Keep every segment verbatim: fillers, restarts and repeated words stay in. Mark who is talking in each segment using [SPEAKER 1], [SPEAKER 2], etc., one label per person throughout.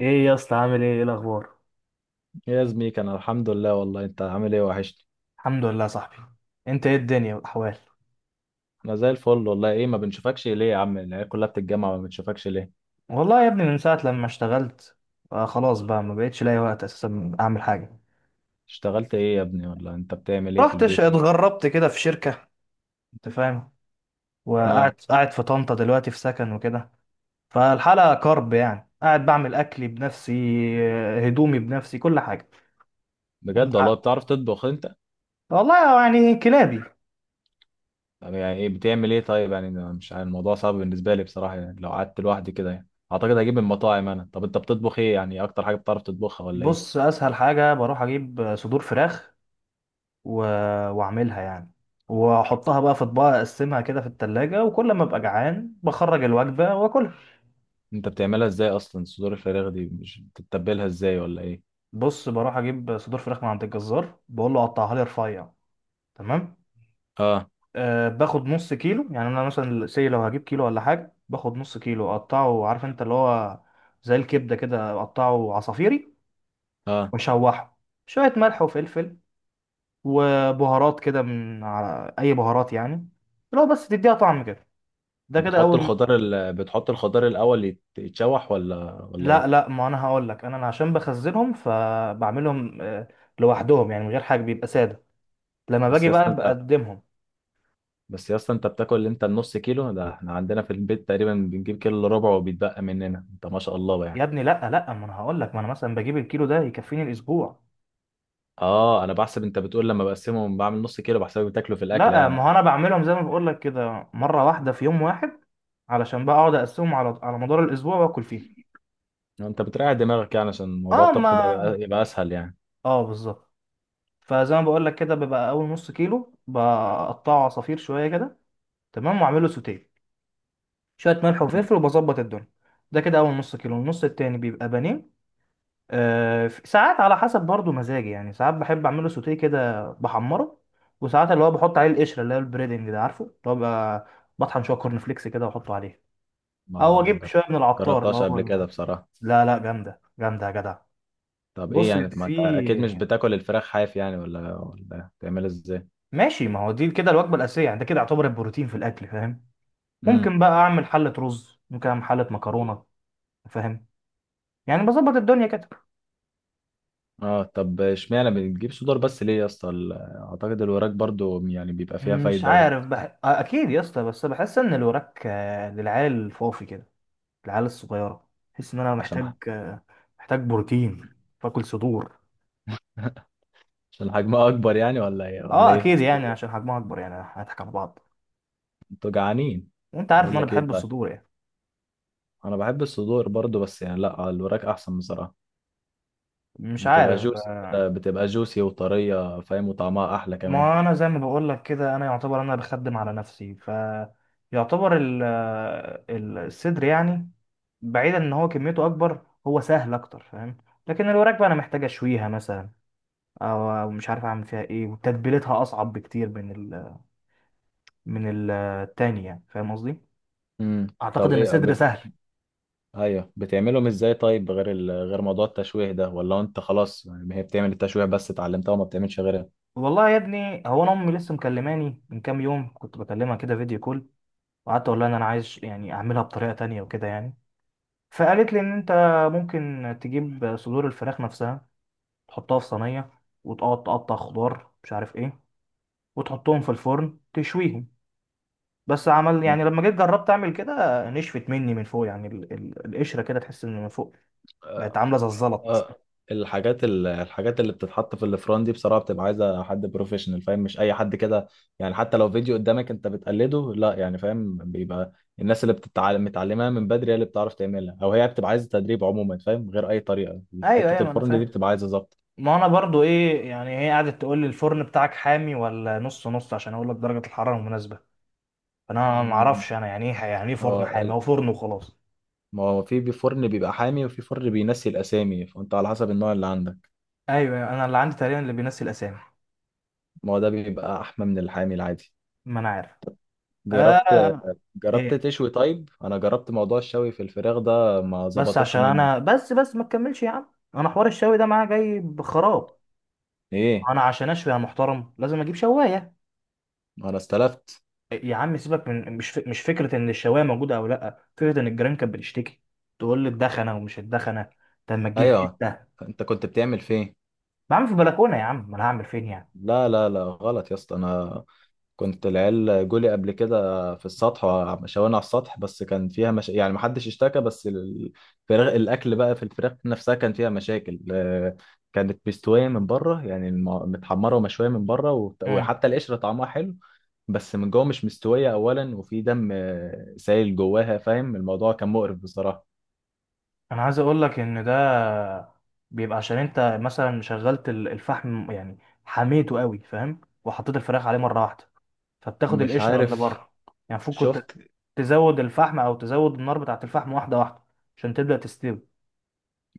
[SPEAKER 1] ايه يا اسطى، عامل ايه؟ ايه الاخبار؟
[SPEAKER 2] يا زميك انا الحمد لله. والله انت عامل ايه؟ وحشني.
[SPEAKER 1] الحمد لله يا صاحبي. انت ايه الدنيا والاحوال؟
[SPEAKER 2] انا زي الفل والله. ايه ما بنشوفكش ليه يا عم؟ العيال كلها بتتجمع ما بنشوفكش ليه؟
[SPEAKER 1] والله يا ابني من ساعه لما اشتغلت، آه خلاص بقى ما بقتش لاقي وقت اساسا اعمل حاجه.
[SPEAKER 2] اشتغلت ايه يا ابني ولا انت بتعمل ايه في
[SPEAKER 1] رحت ش-
[SPEAKER 2] البيت؟
[SPEAKER 1] اتغربت كده في شركه، انت فاهم. وقاعد
[SPEAKER 2] اه.
[SPEAKER 1] قاعد في طنطا دلوقتي في سكن وكده. فالحاله كرب يعني، قاعد بعمل اكلي بنفسي، آه، هدومي بنفسي، كل حاجه. انت
[SPEAKER 2] بجد
[SPEAKER 1] ع-
[SPEAKER 2] والله؟ بتعرف تطبخ انت؟
[SPEAKER 1] والله يعني كلابي.
[SPEAKER 2] طب يعني ايه بتعمل ايه طيب؟ يعني أنا مش عارف، الموضوع صعب بالنسبه لي بصراحه، يعني لو قعدت لوحدي كده يعني اعتقد هجيب من المطاعم انا. طب انت بتطبخ ايه يعني؟ اكتر حاجه بتعرف تطبخها ولا ايه؟
[SPEAKER 1] بص، اسهل حاجه بروح اجيب صدور فراخ و... واعملها يعني، واحطها بقى في اطباق، اقسمها كده في التلاجة، وكل ما ابقى جعان بخرج الوجبة واكلها.
[SPEAKER 2] انت بتعملها ازاي اصلا؟ صدور الفراخ دي مش بتتبلها ازاي ولا ايه؟
[SPEAKER 1] بص، بروح اجيب صدور فراخ من عند الجزار، بقول له قطعها لي رفيع، تمام.
[SPEAKER 2] اه.
[SPEAKER 1] أه باخد نص كيلو، يعني انا مثلا سي لو هجيب كيلو ولا حاجة، باخد نص كيلو اقطعه، عارف انت اللي هو زي الكبدة كده، اقطعه عصافيري.
[SPEAKER 2] اه.
[SPEAKER 1] واشوحه شوية ملح وفلفل وبهارات كده، من على اي بهارات يعني، اللي هو بس تديها طعم كده. ده كده
[SPEAKER 2] بتحط
[SPEAKER 1] اول.
[SPEAKER 2] الخضار ال... بتحط الخضار الاول يت- يتشوح ولا ولا
[SPEAKER 1] لا
[SPEAKER 2] ايه؟
[SPEAKER 1] لا، ما انا هقول لك، انا أنا عشان بخزنهم فبعملهم آه، لوحدهم، يعني من غير حاجه، بيبقى ساده. لما
[SPEAKER 2] بس
[SPEAKER 1] باجي
[SPEAKER 2] يا اسطى
[SPEAKER 1] بقى
[SPEAKER 2] انت
[SPEAKER 1] بقدمهم.
[SPEAKER 2] بس يا اسطى انت بتاكل انت النص كيلو ده؟ احنا عندنا في البيت تقريبا بنجيب كيلو الا ربع وبيتبقى مننا، انت ما شاء الله بقى يعني.
[SPEAKER 1] يا ابني لا لا، ما انا هقول لك، ما انا مثلا بجيب الكيلو ده يكفيني الاسبوع.
[SPEAKER 2] اه انا بحسب، انت بتقول لما بقسمهم بعمل نص كيلو، بحسبك بتاكله في الاكله
[SPEAKER 1] لا، ما
[SPEAKER 2] يعني.
[SPEAKER 1] هو انا بعملهم زي ما بقول لك كده، مره واحده في يوم واحد، علشان بقى اقعد اقسمهم على على مدار الاسبوع واكل فيهم.
[SPEAKER 2] انت بتريح دماغك يعني عشان موضوع
[SPEAKER 1] اه، ما،
[SPEAKER 2] الطبخ ده يبقى، يبقى اسهل يعني.
[SPEAKER 1] اه، بالظبط. فزي ما بقول لك كده، بيبقى اول نص كيلو بقطعه عصافير شويه كده، تمام، واعمله سوتيه، شويه ملح
[SPEAKER 2] مم.
[SPEAKER 1] وفلفل، وبظبط الدنيا. ده كده اول نص كيلو. النص التاني بيبقى بانيه، آه، ساعات على حسب برضو مزاجي، يعني ساعات بحب اعمله سوتيه كده بحمره، وساعات اللي هو بحط عليه القشره، اللي هو البريدنج ده، عارفه اللي هو بقى، بطحن شويه كورن فليكس كده واحطه عليه،
[SPEAKER 2] ما
[SPEAKER 1] او
[SPEAKER 2] ما
[SPEAKER 1] اجيب
[SPEAKER 2] جر-
[SPEAKER 1] شويه من العطار اللي
[SPEAKER 2] جربتهاش
[SPEAKER 1] هو
[SPEAKER 2] قبل
[SPEAKER 1] ال-
[SPEAKER 2] كده بصراحه.
[SPEAKER 1] لا لا، جامده جامده يا جدع.
[SPEAKER 2] طب ايه
[SPEAKER 1] بص،
[SPEAKER 2] يعني، ما
[SPEAKER 1] في
[SPEAKER 2] انت اكيد مش بتاكل الفراخ حاف يعني، ولا ولا بتعملها ازاي؟
[SPEAKER 1] ماشي، ما هو دي كده الوجبه الاساسيه يعني، ده كده يعتبر البروتين في الاكل، فاهم.
[SPEAKER 2] امم.
[SPEAKER 1] ممكن بقى اعمل حله رز، ممكن اعمل حله مكرونه، فاهم، يعني بظبط الدنيا كده.
[SPEAKER 2] اه طب اشمعنى بتجيب صدور بس ليه يا اسطى؟ ال- اعتقد الوراك برضو يعني بيبقى فيها
[SPEAKER 1] مش
[SPEAKER 2] فايده و...
[SPEAKER 1] عارف بح... آه، اكيد يا اسطى، بس بحس ان الوراك آه، للعيال الفوفي كده، العيال الصغيره. بحس ان انا محتاج،
[SPEAKER 2] عشان
[SPEAKER 1] آه، محتاج بروتين، فاكل صدور.
[SPEAKER 2] عشان حجمها اكبر يعني ولا ايه ولا
[SPEAKER 1] اه
[SPEAKER 2] ايه؟
[SPEAKER 1] اكيد يعني، عشان حجمها اكبر يعني، هنضحك على بعض.
[SPEAKER 2] انتوا جعانين.
[SPEAKER 1] وانت عارف ان
[SPEAKER 2] هقول
[SPEAKER 1] انا
[SPEAKER 2] لك ايه
[SPEAKER 1] بحب
[SPEAKER 2] طيب،
[SPEAKER 1] الصدور يعني.
[SPEAKER 2] انا بحب الصدور برضو بس يعني لا، الوراك احسن بصراحه.
[SPEAKER 1] مش
[SPEAKER 2] بتبقى
[SPEAKER 1] عارف،
[SPEAKER 2] جوسي
[SPEAKER 1] آه،
[SPEAKER 2] كده، بتبقى جوسي وطريه فاهم، وطعمها احلى كمان.
[SPEAKER 1] ما انا زي ما بقول لك كده، انا يعتبر انا بخدم على نفسي، ف يعتبر ال- آه، الصدر يعني، بعيدا ان هو كميته اكبر، هو سهل اكتر فاهم. لكن الوراك بقى انا محتاج اشويها مثلا، او أو مش عارف اعمل فيها ايه، وتتبيلتها اصعب بكتير من ال من التاني، يعني فاهم قصدي.
[SPEAKER 2] امم. طب
[SPEAKER 1] اعتقد ان
[SPEAKER 2] ايه
[SPEAKER 1] الصدر
[SPEAKER 2] بت...
[SPEAKER 1] سهل.
[SPEAKER 2] ايوه بتعملهم ازاي طيب؟ غير ال... غير موضوع التشويه ده ولا انت خلاص يعني هي بتعمل التشويه بس اتعلمتها وما بتعملش غيرها؟
[SPEAKER 1] والله يا ابني، هو انا امي لسه مكلماني من كام يوم، كنت بكلمها كده فيديو كول، وقعدت اقول لها ان انا عايز يعني اعملها بطريقه تانية وكده يعني. فقالت لي ان انت ممكن تجيب صدور الفراخ نفسها، تحطها في صينيه، وتقعد تقطع خضار مش عارف ايه، وتحطهم في الفرن تشويهم. بس عمل يعني، لما جيت جربت اعمل كده نشفت مني من فوق يعني، ال- ال- القشره كده تحس ان من فوق بقت عامله زي الزلط.
[SPEAKER 2] اه. الحاجات ال- الحاجات اللي بتتحط في الفران دي بصراحه بتبقى عايزه حد بروفيشنال فاهم، مش اي حد كده. يعني حتى لو فيديو قدامك انت بتقلده لا يعني فاهم، بيبقى الناس اللي بتتعلم متعلمها من بدري هي اللي بتعرف تعملها، او هي بتبقى عايزه تدريب عموما فاهم غير اي طريقه.
[SPEAKER 1] ايوه ايوه،
[SPEAKER 2] حته
[SPEAKER 1] ما انا
[SPEAKER 2] الفرن دي
[SPEAKER 1] فاهم.
[SPEAKER 2] بتبقى عايزه ظبط.
[SPEAKER 1] ما انا برضو ايه يعني، هي قعدت تقول لي الفرن بتاعك حامي ولا نص نص، عشان اقول لك درجة الحرارة المناسبة. فانا ما
[SPEAKER 2] مم.
[SPEAKER 1] اعرفش انا يعني ايه، يعني ايه فرن
[SPEAKER 2] اه
[SPEAKER 1] حامي، هو
[SPEAKER 2] ال-
[SPEAKER 1] فرن وخلاص.
[SPEAKER 2] ما هو في بي- فرن بيبقى حامي، وفي فرن بينسي الاسامي، فانت على حسب النوع اللي عندك.
[SPEAKER 1] ايوه أيوة، انا اللي عندي تقريبا اللي بينسي الاسامي.
[SPEAKER 2] ما هو ده بيبقى احمى من الحامي العادي.
[SPEAKER 1] ما انا عارف.
[SPEAKER 2] جربت.
[SPEAKER 1] آه.
[SPEAKER 2] جربت
[SPEAKER 1] ايه؟
[SPEAKER 2] تشوي طيب؟ انا جربت موضوع الشوي في الفراخ ده ما
[SPEAKER 1] بس
[SPEAKER 2] ظبطتش
[SPEAKER 1] عشان
[SPEAKER 2] مني.
[SPEAKER 1] انا بس بس ما تكملش يا عم، انا حوار الشوي ده معايا جاي بخراب.
[SPEAKER 2] ايه؟
[SPEAKER 1] انا عشان اشوي يا محترم لازم اجيب شوايه.
[SPEAKER 2] انا استلفت.
[SPEAKER 1] يا عم سيبك من مش ف... مش فكره ان الشوايه موجوده او لا، فكره ان الجيران كانت بتشتكي، تقول لي الدخنه ومش الدخنه. طب ما تجيب
[SPEAKER 2] ايوه
[SPEAKER 1] حته؟
[SPEAKER 2] انت كنت بتعمل فين؟
[SPEAKER 1] بعمل في البلكونه يا عم، ما انا هعمل فين يعني؟
[SPEAKER 2] لا لا لا غلط يا اسطى، انا كنت العيال جولي قبل كده في السطح. شوانا على السطح بس كان فيها مش... يعني ما حدش اشتكى، بس الفراخ الاكل بقى في الفراخ نفسها كان فيها مشاكل. آه، كانت مستويه من بره يعني الم- متحمره ومشويه من بره وت-
[SPEAKER 1] امم.
[SPEAKER 2] وحتى القشره طعمها حلو. بس من جوه مش مستوية أولا، وفي دم آه، سايل جواها فاهم، الموضوع كان مقرف بصراحة.
[SPEAKER 1] انا عايز اقول لك ان ده بيبقى عشان انت مثلا شغلت ال- الفحم يعني، حميته قوي فاهم، وحطيت الفراخ عليه مره واحده، فبتاخد
[SPEAKER 2] مش
[SPEAKER 1] القشره اللي
[SPEAKER 2] عارف.
[SPEAKER 1] بره، يعني المفروض كنت
[SPEAKER 2] شفت؟
[SPEAKER 1] تزود الفحم او تزود النار بتاعه الفحم واحده واحده عشان تبدا تستوي.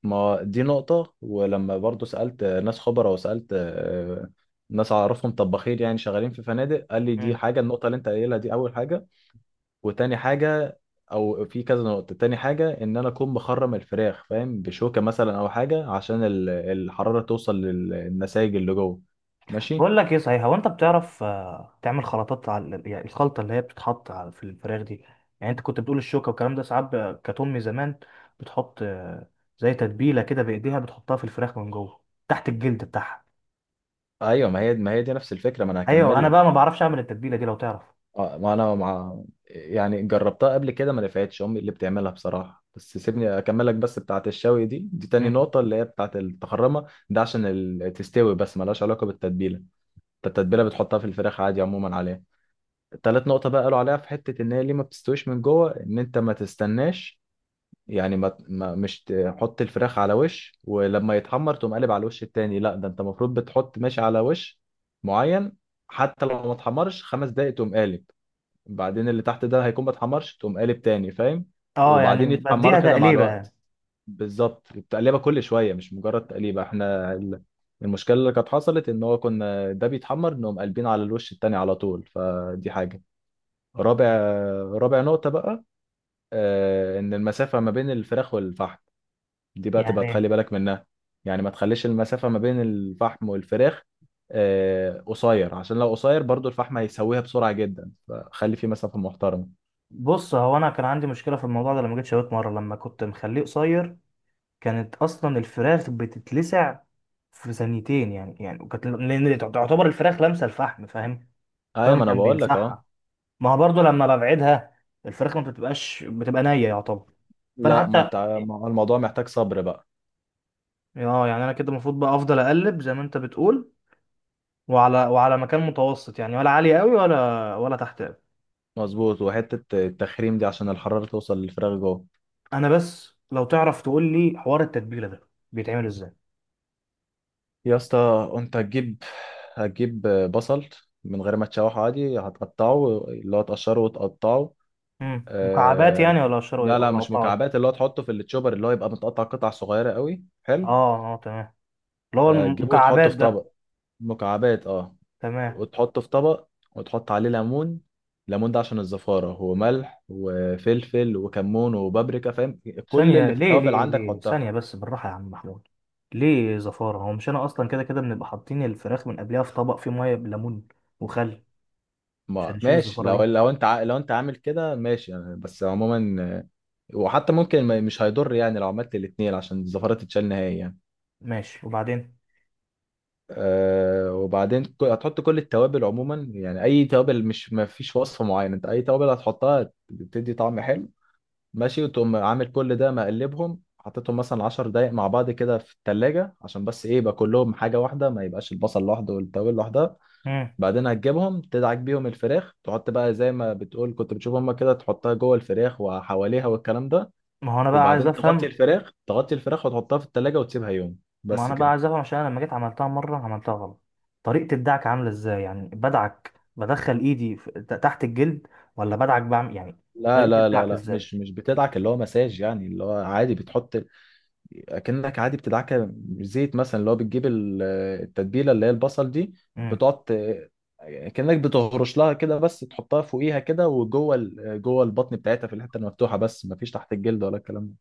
[SPEAKER 2] ما دي نقطة. ولما برضو سألت آه، ناس خبراء وسألت آه، ناس أعرفهم طباخين يعني شغالين في فنادق، قال لي دي حاجة، النقطة اللي أنت قايلها دي أول حاجة. وتاني حاجة، أو في كذا نقطة، تاني حاجة إن أنا أكون مخرم الفراخ فاهم، بشوكة مثلا أو حاجة، عشان ال- الحرارة توصل للنسايج اللي جوه. ماشي.
[SPEAKER 1] بقول لك ايه، صحيح، هو انت بتعرف آه، تعمل خلطات على، يعني الخلطه اللي هي بتتحط على في الفراخ دي. يعني انت كنت بتقول الشوكه والكلام ده. ساعات ب- كانت امي زمان بتحط آه، زي تتبيله كده بايديها، بتحطها في الفراخ من جوه تحت الجلد بتاعها.
[SPEAKER 2] ايوه ما هي ما هي دي نفس الفكره، ما انا
[SPEAKER 1] ايوه،
[SPEAKER 2] هكمل
[SPEAKER 1] انا
[SPEAKER 2] لك.
[SPEAKER 1] بقى ما بعرفش اعمل التتبيله دي، لو تعرف.
[SPEAKER 2] اه ما انا مع، يعني جربتها قبل كده ما نفعتش، امي اللي بتعملها بصراحه. بس سيبني اكملك، بس بتاعه الشوي دي، دي تاني
[SPEAKER 1] مم.
[SPEAKER 2] نقطه اللي هي بتاعه التخرمه ده عشان ال- تستوي، بس ملهاش علاقه بالتتبيله. انت التتبيله بتحطها في الفراخ عادي عموما عليها. تالت نقطه بقى قالوا عليها في حته ان هي ليه ما بتستويش من جوه، ان انت ما تستناش يعني ما, ما مش تحط الفراخ على وش ولما يتحمر تقوم قالب على الوش التاني، لا، ده انت المفروض بتحط ماشي على وش معين. حتى لو ما اتحمرش خمس دقايق تقوم قالب. بعدين اللي تحت ده هيكون ما اتحمرش تقوم قالب تاني فاهم؟
[SPEAKER 1] اه يعني
[SPEAKER 2] وبعدين
[SPEAKER 1] بديها
[SPEAKER 2] يتحمروا كده مع
[SPEAKER 1] تقليبه يعني،
[SPEAKER 2] الوقت. بالظبط بتقلبها كل شويه، مش مجرد تقليبه. احنا ال- المشكله اللي كانت حصلت ان هو كنا ده بيتحمر نقوم قالبين على الوش التاني على طول، فدي حاجه. رابع رابع نقطه بقى، آه، ان المسافه ما بين الفراخ والفحم دي بقى تبقى
[SPEAKER 1] يعني
[SPEAKER 2] تخلي بالك منها. يعني ما تخليش المسافه ما بين الفحم والفراخ آه، قصير، عشان لو قصير برضو الفحم هيسويها بسرعه جدا، فخلي في مسافه محترمه.
[SPEAKER 1] بص، هو انا كان عندي مشكله في الموضوع ده، لما جيت شويت مره لما كنت مخليه قصير، كانت اصلا الفراخ بتتلسع في ثانيتين يعني، يعني وكانت لان تعتبر الفراخ لامسه الفحم فاهم
[SPEAKER 2] ايوه
[SPEAKER 1] فاهم
[SPEAKER 2] ما انا
[SPEAKER 1] كان
[SPEAKER 2] بقول لك. اه
[SPEAKER 1] بيلسعها. ما هو برضه لما ببعدها، الفراخ ما بتبقاش، بتبقى نيه يعتبر. فانا
[SPEAKER 2] لا، ما
[SPEAKER 1] حتى،
[SPEAKER 2] انت ما هو الموضوع محتاج صبر بقى.
[SPEAKER 1] اه يعني انا كده المفروض بقى افضل اقلب زي ما انت بتقول، وعلى وعلى مكان متوسط يعني، ولا عالي قوي ولا ولا تحت قوي.
[SPEAKER 2] مظبوط. وحته التخريم دي عشان الحراره توصل للفراخ جوه.
[SPEAKER 1] انا بس لو تعرف تقول لي حوار التتبيله ده بيتعمل ازاي.
[SPEAKER 2] يا اسطى انت هتجيب، هتجيب بصل من غير ما تشوحه، عادي هتقطعه اللي هو تقشره وتقطعه.
[SPEAKER 1] امم، مكعبات
[SPEAKER 2] آه...
[SPEAKER 1] يعني؟ ولا اشتري
[SPEAKER 2] لا لا
[SPEAKER 1] ولا
[SPEAKER 2] مش
[SPEAKER 1] قطايه؟
[SPEAKER 2] مكعبات، اللي هو تحطه في التشوبر اللي هو يبقى متقطع قطع صغيره قوي حلو.
[SPEAKER 1] اه اه تمام، اللي هو
[SPEAKER 2] آه، تجيبه وتحطه
[SPEAKER 1] المكعبات
[SPEAKER 2] في
[SPEAKER 1] ده.
[SPEAKER 2] طبق. مكعبات اه.
[SPEAKER 1] تمام.
[SPEAKER 2] وتحطه في طبق، وتحط عليه ليمون. الليمون ده عشان الزفارة، وملح وفلفل وكمون وبابريكا فاهم، كل
[SPEAKER 1] ثانية،
[SPEAKER 2] اللي في
[SPEAKER 1] ليه
[SPEAKER 2] التوابل
[SPEAKER 1] ليه
[SPEAKER 2] عندك
[SPEAKER 1] ليه؟
[SPEAKER 2] حطها.
[SPEAKER 1] ثانية بس، بالراحة يا عم محمود. ليه زفارة؟ هو مش أنا أصلا كده كده بنبقى حاطين الفراخ من قبلها في طبق فيه مية بليمون وخل عشان
[SPEAKER 2] ما
[SPEAKER 1] نشيل
[SPEAKER 2] ماشي،
[SPEAKER 1] الزفارة دي.
[SPEAKER 2] لو لو انت ع- لو انت عامل كده ماشي يعني. بس عموما آه، وحتى ممكن ما- مش هيضر يعني لو عملت الاتنين عشان الزفارة تتشال نهائي يعني.
[SPEAKER 1] ماشي، وبعدين؟
[SPEAKER 2] أه وبعدين ك- هتحط كل التوابل عموما، يعني اي توابل، مش ما فيش وصفة معينة، انت اي توابل هتحطها بتدي طعم حلو ماشي. وتقوم عامل كل ده، مقلبهم، حطيتهم مثلا عشر دقايق مع بعض كده في التلاجة، عشان بس ايه، يبقى كلهم حاجة واحدة، ما يبقاش البصل لوحده والتوابل لوحدها.
[SPEAKER 1] مم.
[SPEAKER 2] بعدين هتجيبهم تدعك بيهم الفراخ، تحط بقى زي ما بتقول كنت بتشوف هما كده، تحطها جوه الفراخ وحواليها والكلام ده.
[SPEAKER 1] ما هو أنا بقى عايز
[SPEAKER 2] وبعدين تغطي
[SPEAKER 1] أفهم.
[SPEAKER 2] الفراخ، تغطي الفراخ وتحطها في التلاجة وتسيبها يوم
[SPEAKER 1] ما
[SPEAKER 2] بس
[SPEAKER 1] أنا بقى
[SPEAKER 2] كده.
[SPEAKER 1] عايز أفهم عشان أنا لما جيت عملتها مرة عملتها غلط. طريقة الدعك عاملة إزاي يعني؟ بدعك، بدخل إيدي في- ت- تحت الجلد، ولا بدعك بعمل يعني؟
[SPEAKER 2] لا
[SPEAKER 1] طريقة
[SPEAKER 2] لا لا
[SPEAKER 1] الدعك
[SPEAKER 2] لا،
[SPEAKER 1] إزاي؟
[SPEAKER 2] مش مش بتدعك اللي هو مساج يعني، اللي هو عادي بتحط، اكنك عادي بتدعكه زيت مثلا، اللي هو بتجيب ال- التتبيله اللي هي البصل دي.
[SPEAKER 1] مم.
[SPEAKER 2] بتقعد ت- كأنك بتهرش لها كده بس، تحطها فوقيها كده وجوه ال- جوه البطن بتاعتها في الحته المفتوحه، بس مفيش تحت الجلد ولا الكلام ده.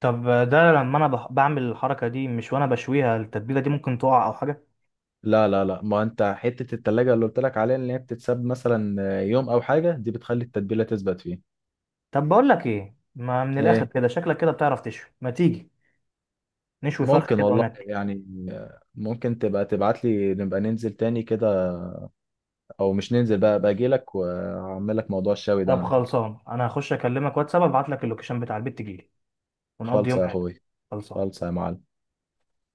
[SPEAKER 1] طب ده لما أنا بح- بعمل الحركة دي مش وأنا بشويها، التتبيلة دي ممكن تقع أو حاجة؟
[SPEAKER 2] لا لا لا، ما انت حته التلاجة اللي قلت لك عليها اللي هي بتتساب مثلا يوم او حاجه، دي بتخلي التتبيله تثبت فيه.
[SPEAKER 1] طب بقول لك ايه، ما من الاخر
[SPEAKER 2] ايه؟
[SPEAKER 1] كده، شكلك كده بتعرف تشوي، ما تيجي نشوي فرخه
[SPEAKER 2] ممكن
[SPEAKER 1] كده
[SPEAKER 2] والله
[SPEAKER 1] وناكل.
[SPEAKER 2] يعني. ممكن تبقى تبعت لي نبقى ننزل تاني كده، او مش ننزل بقى، باجي لك واعمل لك موضوع الشاوي ده
[SPEAKER 1] طب
[SPEAKER 2] عندك.
[SPEAKER 1] خلصان، انا هخش اكلمك واتساب ابعت لك اللوكيشن بتاع البيت، تجيلي ونقضي
[SPEAKER 2] خالص
[SPEAKER 1] يوم
[SPEAKER 2] يا
[SPEAKER 1] حلو.
[SPEAKER 2] اخوي.
[SPEAKER 1] خلصان.
[SPEAKER 2] خالص يا معلم.